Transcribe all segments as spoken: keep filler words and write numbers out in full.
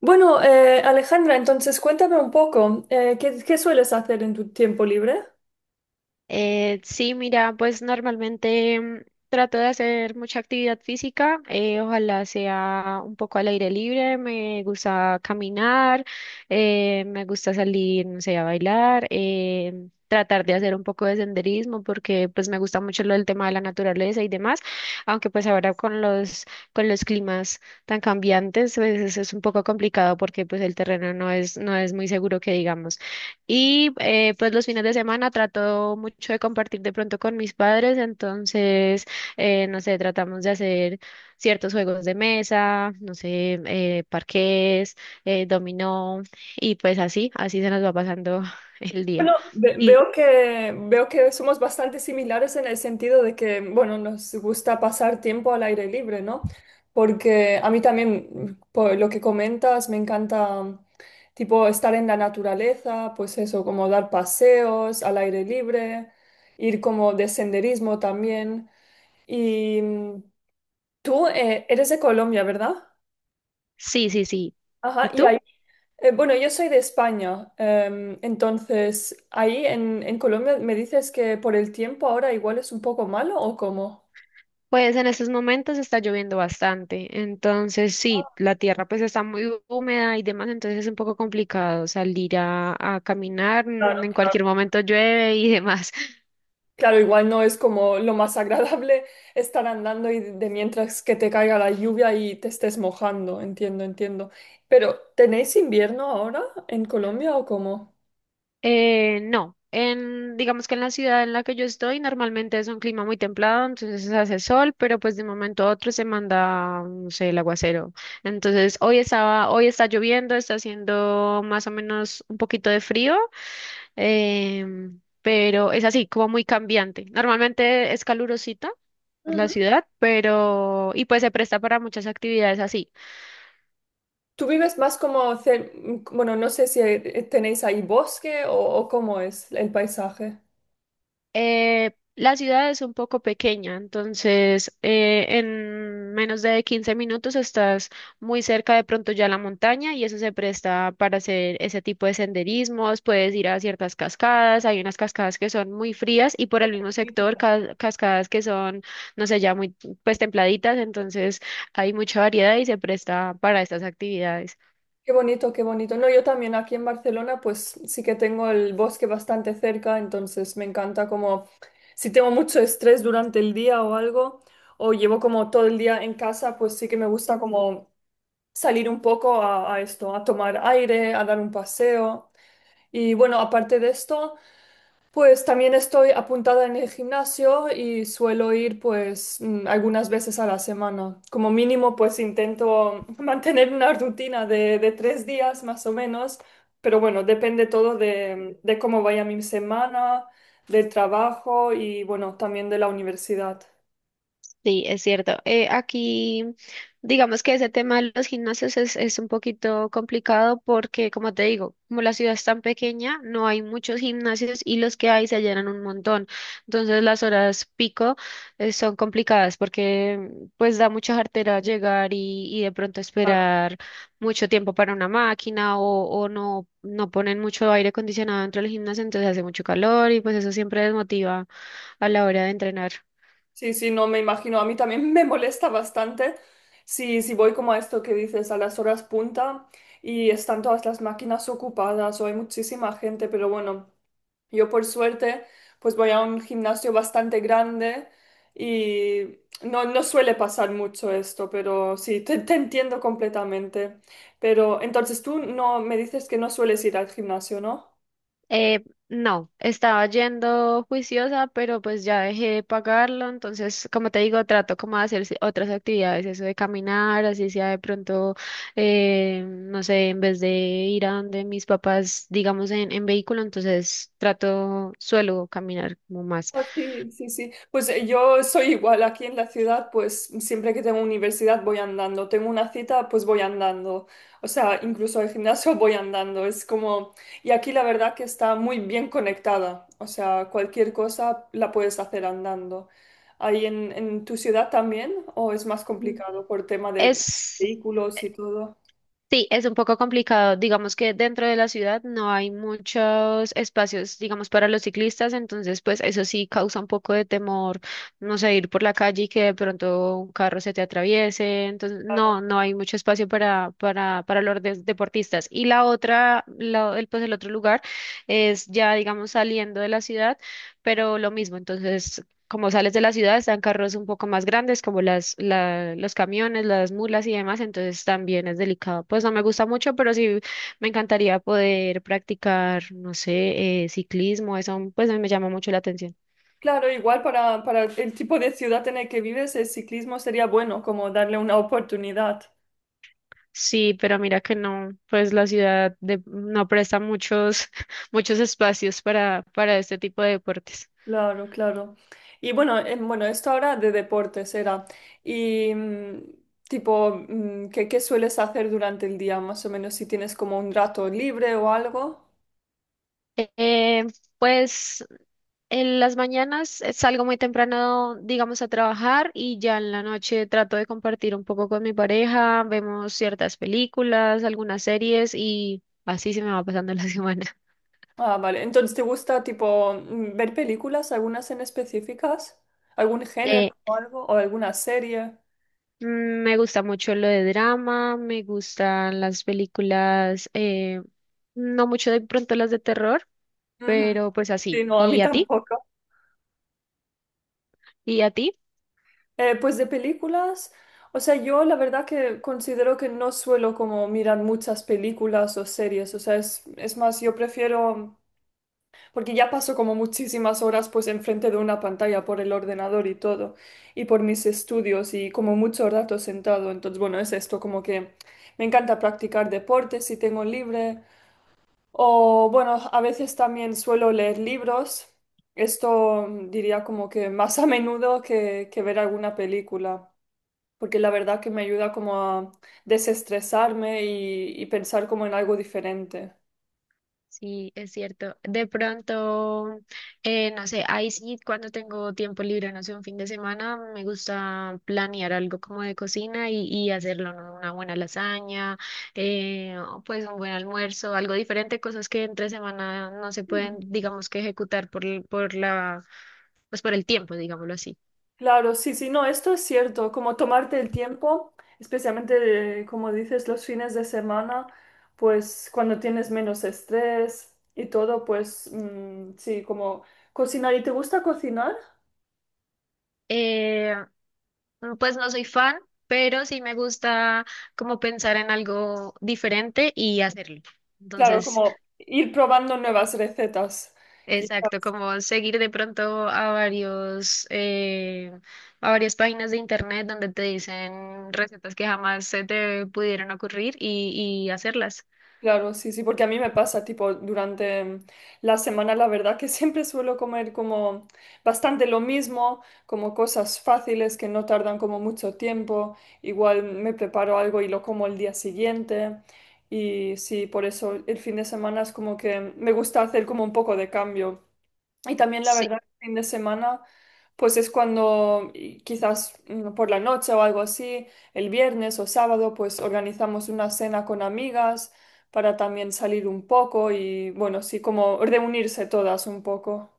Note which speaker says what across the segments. Speaker 1: Bueno, eh, Alejandra, entonces cuéntame un poco, eh, ¿qué, qué sueles hacer en tu tiempo libre?
Speaker 2: Eh, sí, mira, pues normalmente mm, trato de hacer mucha actividad física, eh, ojalá sea un poco al aire libre, me gusta caminar, eh, me gusta salir, no sé, a bailar, eh, tratar de hacer un poco de senderismo porque pues me gusta mucho lo del tema de la naturaleza y demás, aunque pues ahora con los, con los climas tan cambiantes, pues eso es un poco complicado porque pues el terreno no es, no es muy seguro que digamos. Y eh, pues los fines de semana trato mucho de compartir de pronto con mis padres, entonces, eh, no sé, tratamos de hacer ciertos juegos de mesa, no sé, eh, parqués, eh, dominó, y pues así, así se nos va pasando el día.
Speaker 1: Bueno, ve-
Speaker 2: Y
Speaker 1: veo que, veo que somos bastante similares en el sentido de que, bueno, nos gusta pasar tiempo al aire libre, ¿no? Porque a mí también, por lo que comentas, me encanta, tipo, estar en la naturaleza, pues eso, como dar paseos al aire libre, ir como de senderismo también. Y mm, tú, eh, eres de Colombia, ¿verdad?
Speaker 2: sí, sí, sí.
Speaker 1: Ajá,
Speaker 2: ¿Y
Speaker 1: y
Speaker 2: tú?
Speaker 1: ahí Eh, bueno, yo soy de España, em, entonces ahí en, en Colombia me dices que por el tiempo ahora igual es un poco malo o cómo.
Speaker 2: Pues en estos momentos está lloviendo bastante, entonces sí, la tierra pues está muy húmeda y demás, entonces es un poco complicado salir a, a caminar,
Speaker 1: Claro.
Speaker 2: mm, en cualquier momento llueve y demás.
Speaker 1: Claro, igual no es como lo más agradable estar andando y de mientras que te caiga la lluvia y te estés mojando, entiendo, entiendo. Pero ¿tenéis invierno ahora en Colombia o cómo?
Speaker 2: Eh, no, en, digamos que en la ciudad en la que yo estoy normalmente es un clima muy templado, entonces hace sol, pero pues de un momento a otro se manda, no sé, el aguacero. Entonces hoy estaba, hoy está lloviendo, está haciendo más o menos un poquito de frío, em, pero es así, como muy cambiante. Normalmente es calurosita la
Speaker 1: Ujú.
Speaker 2: ciudad, pero y pues se presta para muchas actividades así.
Speaker 1: ¿Tú vives más como, cer- bueno, no sé si eh, tenéis ahí bosque o, o cómo es el paisaje?
Speaker 2: Eh, la ciudad es un poco pequeña, entonces eh, en menos de quince minutos estás muy cerca de pronto ya a la montaña y eso se presta para hacer ese tipo de senderismos, puedes ir a ciertas cascadas, hay unas cascadas que son muy frías y por el mismo sector ca- cascadas que son, no sé, ya muy pues templaditas, entonces hay mucha variedad y se presta para estas actividades.
Speaker 1: Qué bonito, qué bonito. No, yo también aquí en Barcelona, pues sí que tengo el bosque bastante cerca, entonces me encanta como si tengo mucho estrés durante el día o algo, o llevo como todo el día en casa, pues sí que me gusta como salir un poco a, a esto, a tomar aire, a dar un paseo. Y bueno, aparte de esto. Pues también estoy apuntada en el gimnasio y suelo ir pues mm, algunas veces a la semana. Como mínimo pues intento mantener una rutina de, de tres días más o menos, pero bueno, depende todo de, de cómo vaya mi semana, del trabajo y bueno, también de la universidad.
Speaker 2: Sí, es cierto. Eh, aquí, digamos que ese tema de los gimnasios es, es un poquito complicado porque, como te digo, como la ciudad es tan pequeña, no hay muchos gimnasios y los que hay se llenan un montón. Entonces las horas pico, eh, son complicadas porque pues da mucha jartera llegar y, y de pronto
Speaker 1: Claro.
Speaker 2: esperar mucho tiempo para una máquina o, o no, no ponen mucho aire acondicionado dentro del gimnasio, entonces hace mucho calor y pues eso siempre desmotiva a la hora de entrenar.
Speaker 1: Sí, sí, no me imagino. A mí también me molesta bastante si, si voy como a esto que dices, a las horas punta y están todas las máquinas ocupadas o hay muchísima gente, pero bueno. Yo por suerte pues voy a un gimnasio bastante grande y no, no suele pasar mucho esto, pero sí, te, te entiendo completamente. Pero entonces tú no me dices que no sueles ir al gimnasio, ¿no?
Speaker 2: Eh, no, estaba yendo juiciosa, pero pues ya dejé de pagarlo, entonces, como te digo, trato como de hacer ci- otras actividades, eso de caminar, así sea de pronto, eh, no sé, en vez de ir a donde mis papás, digamos, en, en vehículo, entonces trato, suelo caminar como más.
Speaker 1: Ah, sí, sí, sí. Pues eh, yo soy igual aquí en la ciudad, pues siempre que tengo universidad voy andando. Tengo una cita, pues voy andando. O sea, incluso al gimnasio voy andando. Es como... Y aquí la verdad que está muy bien conectada. O sea, cualquier cosa la puedes hacer andando. ¿Ahí en, en tu ciudad también? ¿O es más
Speaker 2: Mm.
Speaker 1: complicado por tema de
Speaker 2: Es
Speaker 1: vehículos y todo?
Speaker 2: sí, es un poco complicado. Digamos que dentro de la ciudad no hay muchos espacios, digamos, para los ciclistas, entonces pues eso sí causa un poco de temor, no sé, ir por la calle y que de pronto un carro se te atraviese. Entonces,
Speaker 1: Claro.
Speaker 2: no, no hay mucho espacio para, para, para los des- deportistas. Y la otra, la- el, pues el otro lugar es ya, digamos, saliendo de la ciudad, pero lo mismo. Entonces, como sales de la ciudad, están carros un poco más grandes, como las, la- los camiones, las mulas y demás, entonces también es delicado. Pues no me gusta mucho, pero sí me encantaría poder practicar, no sé, eh, ciclismo, eso pues me llama mucho la atención.
Speaker 1: Claro, igual para, para el tipo de ciudad en el que vives, el ciclismo sería bueno, como darle una oportunidad.
Speaker 2: Sí, pero mira que no, pues la ciudad de- no presta muchos, muchos espacios para, para este tipo de deportes.
Speaker 1: Claro, claro. Y bueno, eh, bueno, esto ahora de deportes era. Y mm, tipo, mm, ¿qué, qué sueles hacer durante el día, más o menos, si tienes como un rato libre o algo?
Speaker 2: Eh, pues en las mañanas eh, salgo muy temprano, digamos, a trabajar y ya en la noche trato de compartir un poco con mi pareja, vemos ciertas películas, algunas series y así se me va pasando la semana.
Speaker 1: Ah, vale. Entonces, ¿te gusta tipo mm, ver películas, algunas en específicas? ¿Algún género
Speaker 2: Eh,
Speaker 1: o algo? ¿O alguna serie?
Speaker 2: mm, Me gusta mucho lo de drama, me gustan las películas, eh, no mucho de pronto las de terror,
Speaker 1: Ujú.
Speaker 2: pero pues así.
Speaker 1: Sí, no, a mí
Speaker 2: ¿Y a ti?
Speaker 1: tampoco.
Speaker 2: ¿Y a ti?
Speaker 1: Eh, pues de películas, o sea, yo la verdad que considero que no suelo como mirar muchas películas o series, o sea, es, es más, yo prefiero porque ya paso como muchísimas horas pues enfrente de una pantalla por el ordenador y todo, y por mis estudios y como mucho rato sentado. Entonces, bueno, es esto como que me encanta practicar deportes si tengo libre, o bueno, a veces también suelo leer libros. Esto mm, diría como que más a menudo que, que ver alguna película. Porque la verdad que me ayuda como a desestresarme y, y pensar como en algo diferente.
Speaker 2: Sí, es cierto. De pronto, eh, no sé, ahí sí, cuando tengo tiempo libre, no sé, un fin de semana, me gusta planear algo como de cocina y, y hacerlo, ¿no? Una buena lasaña, eh, o pues un buen almuerzo, algo diferente, cosas que entre semana no se pueden,
Speaker 1: Mm.
Speaker 2: digamos que ejecutar por, el- por la, pues por el tiempo, digámoslo así.
Speaker 1: Claro, sí, sí, no, esto es cierto, como tomarte el tiempo, especialmente eh, como dices, los fines de semana, pues cuando tienes menos estrés y todo, pues mm, sí, como cocinar. ¿Y te gusta cocinar?
Speaker 2: Eh, pues no soy fan, pero sí me gusta como pensar en algo diferente y hacerlo.
Speaker 1: Claro,
Speaker 2: Entonces...
Speaker 1: como ir probando nuevas recetas,
Speaker 2: Exacto,
Speaker 1: quizás.
Speaker 2: como seguir de pronto a varios, eh, a varias páginas de internet donde te dicen recetas que jamás se te pudieron ocurrir y, y hacerlas.
Speaker 1: Claro, sí, sí, porque a mí me pasa, tipo, durante mm, la semana, la verdad que siempre suelo comer como bastante lo mismo, como cosas fáciles que no tardan como mucho tiempo, igual me preparo algo y lo como el día siguiente, y sí, por eso el fin de semana es como que me gusta hacer como un poco de cambio. Y también la verdad, el fin de semana, pues es cuando y quizás mm, por la noche o algo así, el viernes o sábado, pues organizamos una cena con amigas para también salir un poco y bueno, sí, como reunirse todas un poco.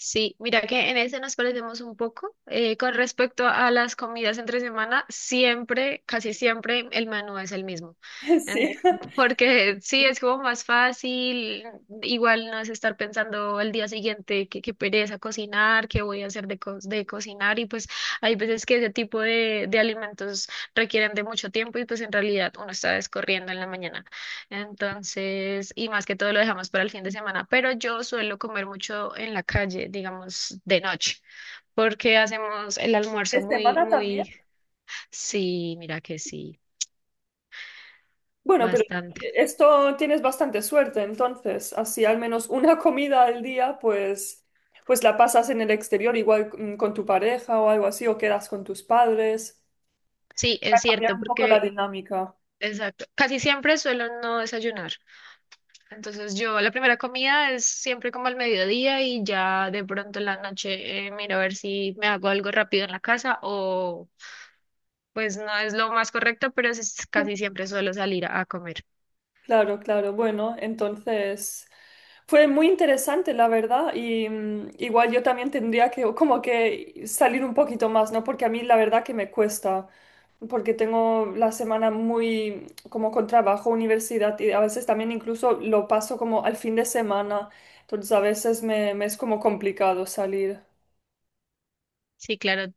Speaker 2: Sí, mira que en ese nos parecemos un poco. Eh, con respecto a las comidas entre semana, siempre, casi siempre, el menú es el mismo. En-
Speaker 1: Sí,
Speaker 2: Porque sí, es como más fácil, igual no es estar pensando el día siguiente qué qué pereza cocinar, qué voy a hacer de, co- de cocinar. Y pues hay veces que ese tipo de, de alimentos requieren de mucho tiempo y pues en realidad uno está descorriendo en la mañana. Entonces, y más que todo lo dejamos para el fin de semana, pero yo suelo comer mucho en la calle, digamos, de noche, porque hacemos el
Speaker 1: de
Speaker 2: almuerzo muy,
Speaker 1: semana también.
Speaker 2: muy, sí, mira que sí,
Speaker 1: Bueno, pero
Speaker 2: bastante.
Speaker 1: esto tienes bastante suerte, entonces, así al menos una comida al día, pues, pues la pasas en el exterior, igual mm, con tu pareja o algo así, o quedas con tus padres.
Speaker 2: Sí, es
Speaker 1: Para cambiar
Speaker 2: cierto,
Speaker 1: un poco la
Speaker 2: porque,
Speaker 1: dinámica.
Speaker 2: exacto, casi siempre suelo no desayunar. Entonces, yo la primera comida es siempre como al mediodía y ya de pronto en la noche eh, miro a ver si me hago algo rápido en la casa o pues no es lo más correcto, pero es, casi siempre suelo salir a a comer.
Speaker 1: Claro, claro. Bueno, entonces fue muy interesante, la verdad, y mm, igual yo también tendría que como que salir un poquito más, ¿no? Porque a mí la verdad que me cuesta, porque tengo la semana muy como con trabajo, universidad y a veces también incluso lo paso como al fin de semana, entonces a veces me, me es como complicado salir.
Speaker 2: Sí, claro,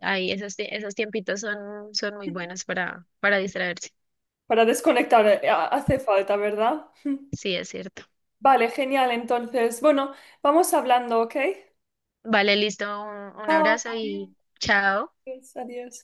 Speaker 2: ahí esos, tie- esos tiempitos son, son muy buenos para, para distraerse.
Speaker 1: Para desconectar eh, hace falta, ¿verdad?
Speaker 2: Sí, es cierto.
Speaker 1: Vale, genial. Entonces, bueno, vamos hablando, ¿ok?
Speaker 2: Vale, listo, un un
Speaker 1: Chao,
Speaker 2: abrazo
Speaker 1: adiós,
Speaker 2: y chao.
Speaker 1: adiós.